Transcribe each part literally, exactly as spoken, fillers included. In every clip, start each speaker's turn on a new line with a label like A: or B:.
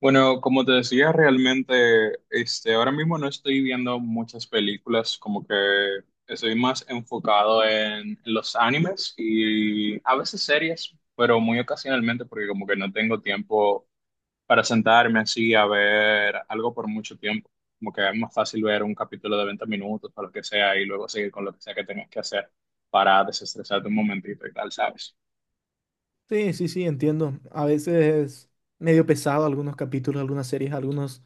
A: Bueno, como te decía, realmente, este, ahora mismo no estoy viendo muchas películas, como que estoy más enfocado en los animes y a veces series, pero muy ocasionalmente porque como que no tengo tiempo para sentarme así a ver algo por mucho tiempo. Como que es más fácil ver un capítulo de veinte minutos o lo que sea y luego seguir con lo que sea que tengas que hacer para desestresarte un momentito y tal, ¿sabes?
B: Sí, sí, sí, entiendo. A veces es medio pesado algunos capítulos, algunas series, algunos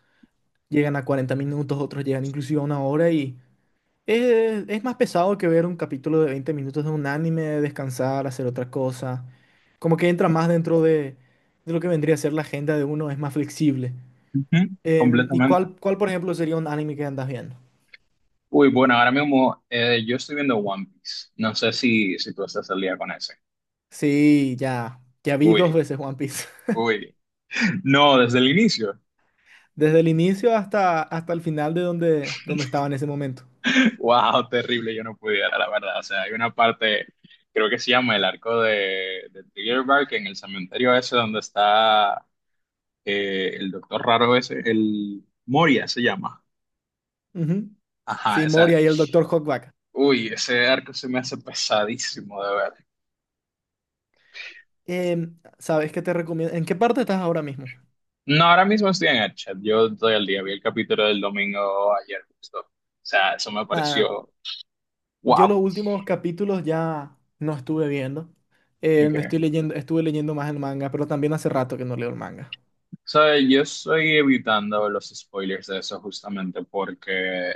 B: llegan a cuarenta minutos, otros llegan inclusive a una hora y es, es más pesado que ver un capítulo de veinte minutos de un anime, descansar, hacer otra cosa. Como que entra más dentro de, de lo que vendría a ser la agenda de uno, es más flexible.
A: Ujú,
B: Em, ¿y
A: completamente.
B: cuál, cuál, por ejemplo, sería un anime que andas viendo?
A: Uy, bueno, ahora mismo eh, yo estoy viendo One Piece. No sé si, si tú estás al día con ese.
B: Sí, ya, ya vi dos
A: Uy,
B: veces One Piece.
A: uy. No, desde el inicio.
B: Desde el inicio hasta, hasta el final de donde, donde estaba en ese momento.
A: Wow, terrible, yo no pudiera, la verdad. O sea, hay una parte, creo que se llama el arco de, de Trigger Bark, en el cementerio ese donde está eh, el doctor raro ese, el Moria se llama.
B: Ujú.
A: Ajá,
B: Sí,
A: esa.
B: Moria y el Doctor Hawkback.
A: Uy, ese arco se me hace pesadísimo de ver.
B: Em, ¿sabes qué te recomiendo? ¿En qué parte estás ahora mismo?
A: No, ahora mismo estoy en el chat. Yo todo el día vi el capítulo del domingo ayer justo. O sea, eso me
B: Ah,
A: pareció
B: yo los
A: wow.
B: últimos capítulos ya no estuve viendo. Eh, me
A: Okay.
B: estoy leyendo, estuve leyendo más el manga, pero también hace rato que no leo el manga.
A: So, yo estoy evitando los spoilers de eso justamente porque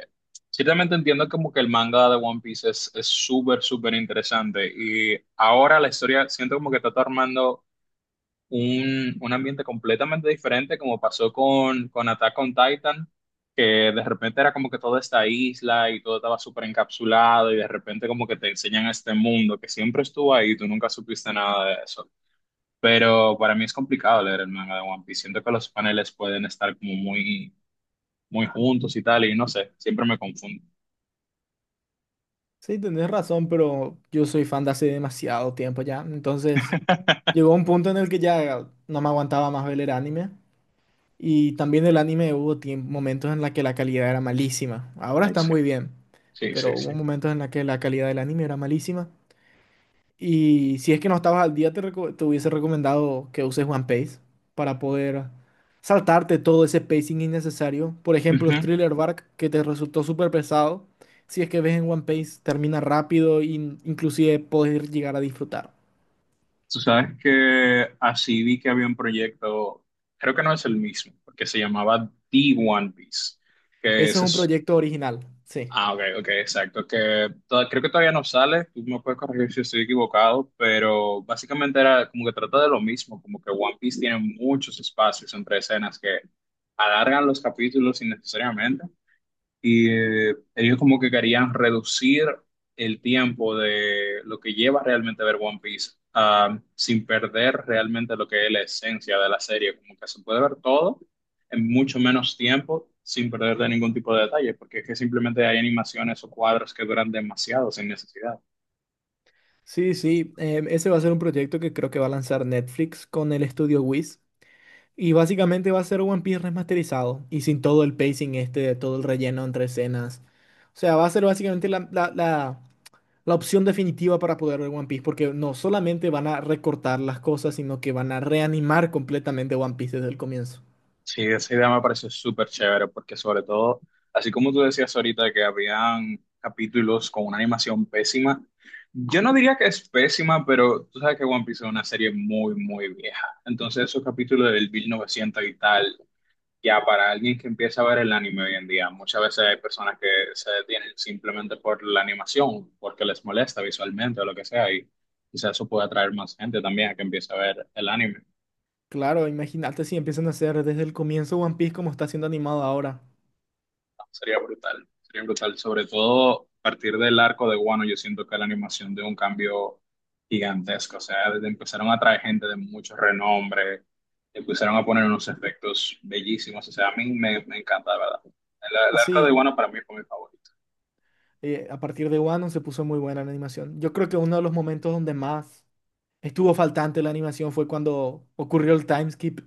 A: ciertamente entiendo como que el manga de One Piece es es súper, súper interesante, y ahora la historia siento como que está tomando un, un ambiente completamente diferente, como pasó con, con Attack on Titan, que de repente era como que toda esta isla y todo estaba súper encapsulado y de repente como que te enseñan este mundo que siempre estuvo ahí y tú nunca supiste nada de eso. Pero para mí es complicado leer el manga de One Piece. Siento que los paneles pueden estar como muy, muy juntos y tal, y no sé, siempre me confundo.
B: Sí, tenés razón, pero yo soy fan de hace demasiado tiempo ya. Entonces, llegó un punto en el que ya no me aguantaba más ver el anime. Y también el anime hubo tiem- momentos en la que la calidad era malísima. Ahora
A: Ahí
B: está
A: sí,
B: muy bien,
A: sí,
B: pero
A: sí, sí.
B: hubo momentos en la que la calidad del anime era malísima. Y si es que no estabas al día, te, reco- te hubiese recomendado que uses OnePace para poder saltarte todo ese pacing innecesario. Por ejemplo,
A: Ujú.
B: Thriller Bark, que te resultó súper pesado. Si es que ves en OnePace, termina rápido e in- inclusive puedes llegar a disfrutar.
A: Tú sabes que así vi que había un proyecto, creo que no es el mismo, porque se llamaba The One Piece, que
B: Ese
A: ese
B: es un
A: es,
B: proyecto original, sí.
A: ah, ok, ok, exacto, que to- creo que todavía no sale, tú me puedes corregir si estoy equivocado, pero básicamente era como que trata de lo mismo, como que One Piece tiene muchos espacios entre escenas que alargan los capítulos innecesariamente, y eh, ellos como que querían reducir el tiempo de lo que lleva realmente ver One Piece, ah, sin perder realmente lo que es la esencia de la serie, como que se puede ver todo en mucho menos tiempo sin perder de ningún tipo de detalle, porque es que simplemente hay animaciones o cuadros que duran demasiado sin necesidad.
B: Sí, sí, em, ese va a ser un proyecto que creo que va a lanzar Netflix con el estudio Wiz. Y básicamente va a ser One Piece remasterizado y sin todo el pacing este, todo el relleno entre escenas. O sea, va a ser básicamente la, la, la- la opción definitiva para poder ver One Piece, porque no solamente van a recortar las cosas, sino que van a reanimar completamente One Piece desde el comienzo.
A: Sí, esa idea me parece súper chévere porque, sobre todo, así como tú decías ahorita que habían capítulos con una animación pésima, yo no diría que es pésima, pero tú sabes que One Piece es una serie muy, muy vieja. Entonces esos capítulos del mil novecientos y tal, ya para alguien que empieza a ver el anime hoy en día, muchas veces hay personas que se detienen simplemente por la animación, porque les molesta visualmente o lo que sea, y quizás eso puede atraer más gente también a que empiece a ver el anime.
B: Claro, imagínate si empiezan a hacer desde el comienzo One Piece como está siendo animado ahora.
A: Sería brutal, sería brutal. Sobre todo a partir del arco de Guano, yo siento que la animación dio un cambio gigantesco. O sea, desde empezaron a traer gente de mucho renombre, empezaron a poner unos efectos bellísimos. O sea, a mí me, me encanta, de verdad. El, el arco de
B: Sí,
A: Guano para mí fue mi favorito.
B: eh, a partir de Wano se puso muy buena la animación. Yo creo que uno de los momentos donde más estuvo faltante la animación fue cuando ocurrió el time skip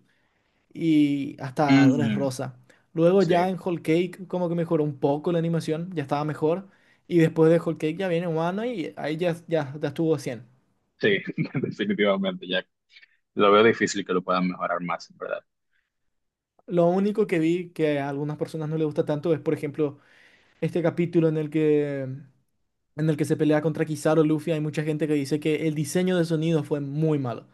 B: y hasta Dress
A: Ujú.
B: Rosa. Luego ya
A: Sí,
B: en Whole Cake como que mejoró un poco la animación, ya estaba mejor. Y después de Whole Cake ya viene Wano y ahí ya, ya, ya estuvo a cien.
A: sí, definitivamente, Jack. Lo veo difícil que lo puedan mejorar más, en verdad.
B: Lo único que vi que a algunas personas no les gusta tanto es, por ejemplo, este capítulo en el que, en el que se pelea contra Kizaru Luffy. Hay mucha gente que dice que el diseño de sonido fue muy malo.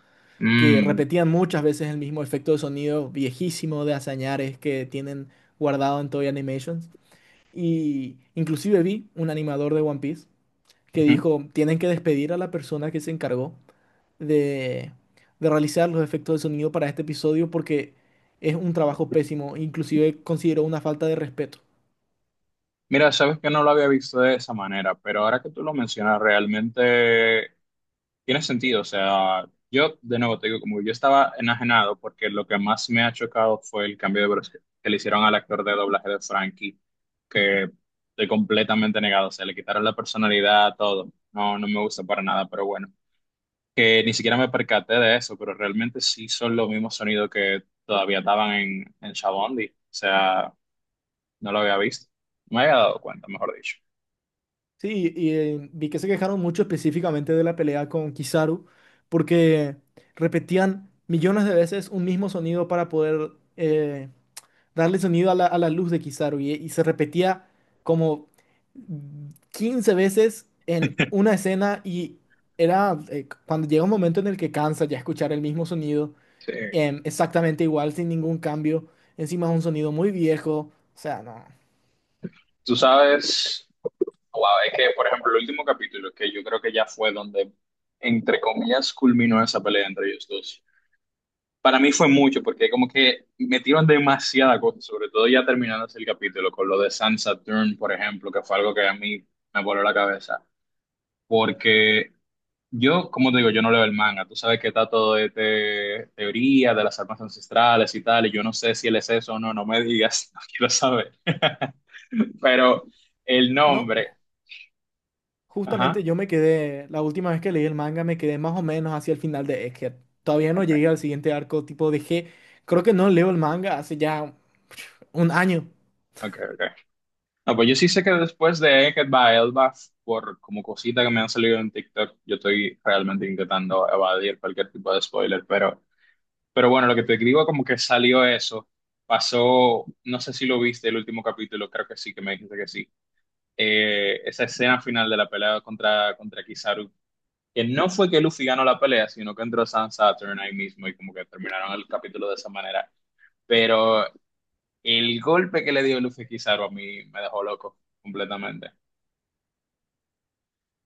B: Que
A: Mm.
B: repetían muchas veces el mismo efecto de sonido viejísimo de Azañares que tienen guardado en Toei Animations. Y inclusive vi un animador de One Piece que
A: Ujú.
B: dijo, tienen que despedir a la persona que se encargó de, de realizar los efectos de sonido para este episodio porque es un trabajo pésimo, inclusive consideró una falta de respeto.
A: Mira, sabes que no lo había visto de esa manera, pero ahora que tú lo mencionas, realmente tiene sentido. O sea, yo de nuevo te digo, como que yo estaba enajenado porque lo que más me ha chocado fue el cambio de voz que le hicieron al actor de doblaje de Frankie, que estoy completamente negado. O sea, le quitaron la personalidad, todo. No, no me gusta para nada, pero bueno, que ni siquiera me percaté de eso, pero realmente sí son los mismos sonidos que todavía estaban en, en Shabondi. O sea, no lo había visto, no me había dado cuenta, mejor dicho.
B: Sí, y eh, vi que se quejaron mucho específicamente de la pelea con Kizaru porque repetían millones de veces un mismo sonido para poder eh, darle sonido a la, a la luz de Kizaru y, y se repetía como quince veces en una escena y era eh, cuando llega un momento en el que cansa ya escuchar el mismo sonido
A: Sí.
B: em, exactamente igual sin ningún cambio. Encima es un sonido muy viejo, o sea, no.
A: Tú sabes. Wow, es que, por ejemplo, el último capítulo, que yo creo que ya fue donde, entre comillas, culminó esa pelea entre ellos dos. Para mí fue mucho, porque como que metieron demasiada cosa, sobre todo ya terminándose el capítulo, con lo de Sansa Dern, por ejemplo, que fue algo que a mí me voló la cabeza. Porque yo, como te digo, yo no leo el manga. Tú sabes que está todo de te- teoría de las armas ancestrales y tal, y yo no sé si él es eso o no, no me digas, no quiero saber. Pero el
B: No,
A: nombre,
B: ju- justamente
A: ajá.
B: yo me quedé, la última vez que leí el manga me quedé más o menos hacia el final de Egghead. Todavía no
A: Ok.
B: llegué al siguiente arco, tipo dejé, creo que no leo el manga hace ya, pf, un año.
A: Ok, ok. No, pues yo sí sé que después de Eket by Elba, por como cosita que me han salido en TikTok, yo estoy realmente intentando evadir cualquier tipo de spoiler, pero, pero bueno, lo que te digo, como que salió eso, pasó, no sé si lo viste el último capítulo, creo que sí, que me dijiste que sí. Eh, esa escena final de la pelea contra, contra Kizaru, que no fue que Luffy ganó la pelea, sino que entró Sans Saturn ahí mismo y como que terminaron el capítulo de esa manera. Pero el golpe que le dio Luffy a Kizaru a mí me dejó loco completamente.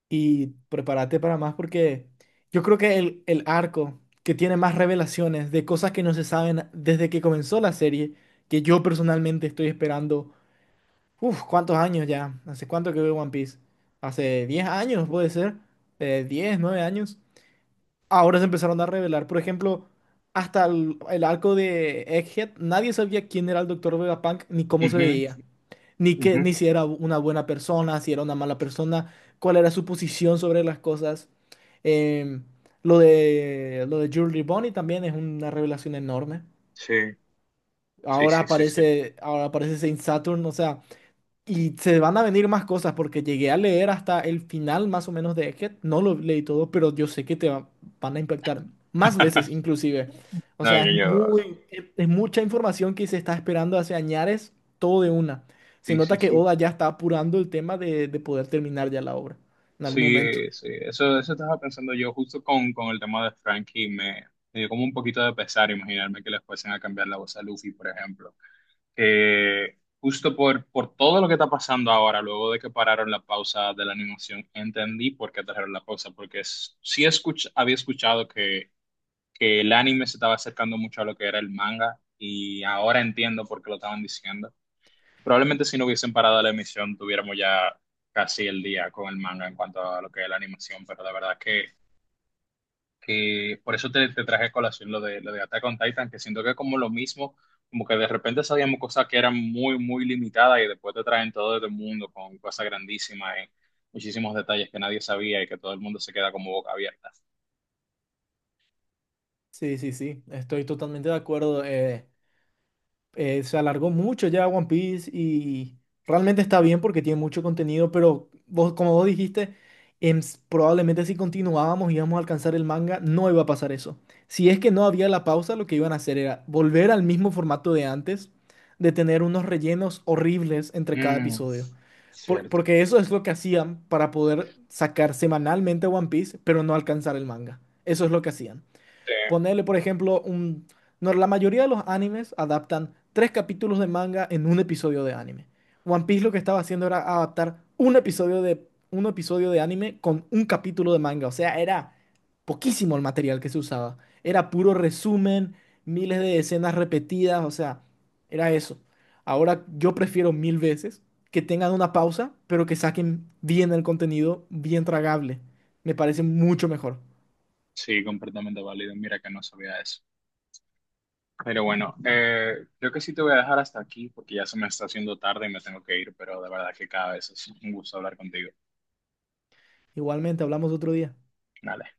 B: Y prepárate para más porque yo creo que el, el arco que tiene más revelaciones de cosas que no se saben desde que comenzó la serie, que yo personalmente estoy esperando, uff, ¿cuántos años ya? ¿Hace cuánto que veo One Piece? Hace diez años puede ser, eh, diez, nueve años. Ahora se empezaron a revelar, por ejemplo, hasta el, el arco de Egghead, nadie sabía quién era el Doctor Vegapunk ni cómo se
A: Ujú,
B: veía, ni que,
A: ujú.
B: ni si era una buena persona, si era una mala persona, cuál era su posición sobre las cosas. Em, lo de lo de Jewelry Bonnie también es una revelación enorme.
A: Sí, sí,
B: Ahora
A: sí, sí, sí.
B: aparece, ahora aparece Saint Saturn, o sea, y se van a venir más cosas porque llegué a leer hasta el final más o menos de Egghead. No lo leí todo, pero yo sé que te va- van a impactar más veces inclusive. O
A: No,
B: sea,
A: yo,
B: es
A: yo,
B: muy, es, es mucha información que se está esperando hace añares, todo de una. Se
A: sí, sí,
B: nota que
A: sí.
B: Oda ya está apurando el tema de, de poder terminar ya la obra en algún
A: Sí,
B: momento.
A: eh, sí. Eso, eso estaba pensando yo, justo con, con el tema de Frankie. Me, me dio como un poquito de pesar imaginarme que les fuesen a cambiar la voz a Luffy, por ejemplo. Eh, justo por, por todo lo que está pasando ahora, luego de que pararon la pausa de la animación, entendí por qué trajeron la pausa, porque es- sí escuch- había escuchado que que el anime se estaba acercando mucho a lo que era el manga y ahora entiendo por qué lo estaban diciendo. Probablemente si no hubiesen parado la emisión tuviéramos ya casi el día con el manga en cuanto a lo que es la animación, pero la verdad que, que por eso te, te traje a colación lo de, lo de Attack on Titan, que siento que es como lo mismo, como que de repente sabíamos cosas que eran muy, muy limitadas y después te traen todo el mundo con cosas grandísimas y muchísimos detalles que nadie sabía y que todo el mundo se queda como boca abierta.
B: Sí, sí, sí, estoy totalmente de acuerdo. Eh, eh, se alargó mucho ya One Piece y realmente está bien porque tiene mucho contenido, pero vos, como vos dijiste, em, s- probablemente si continuábamos y íbamos a alcanzar el manga, no iba a pasar eso. Si es que no había la pausa, lo que iban a hacer era volver al mismo formato de antes, de tener unos rellenos horribles entre cada
A: Mm,
B: episodio. Por-
A: cierto.
B: porque eso es lo que hacían para poder sacar semanalmente One Piece, pero no alcanzar el manga. Eso es lo que hacían.
A: Sí.
B: Ponerle, por ejemplo, un... No, la mayoría de los animes adaptan tres capítulos de manga en un episodio de anime. One Piece lo que estaba haciendo era adaptar un episodio de, un episodio de anime con un capítulo de manga. O sea, era poquísimo el material que se usaba. Era puro resumen, miles de escenas repetidas, o sea, era eso. Ahora yo prefiero mil veces que tengan una pausa, pero que saquen bien el contenido, bien tragable. Me parece mucho mejor.
A: Sí, completamente válido. Mira que no sabía eso. Pero bueno, eh, creo que sí te voy a dejar hasta aquí porque ya se me está haciendo tarde y me tengo que ir, pero de verdad que cada vez es un gusto hablar contigo.
B: Igualmente, hablamos otro día.
A: Dale.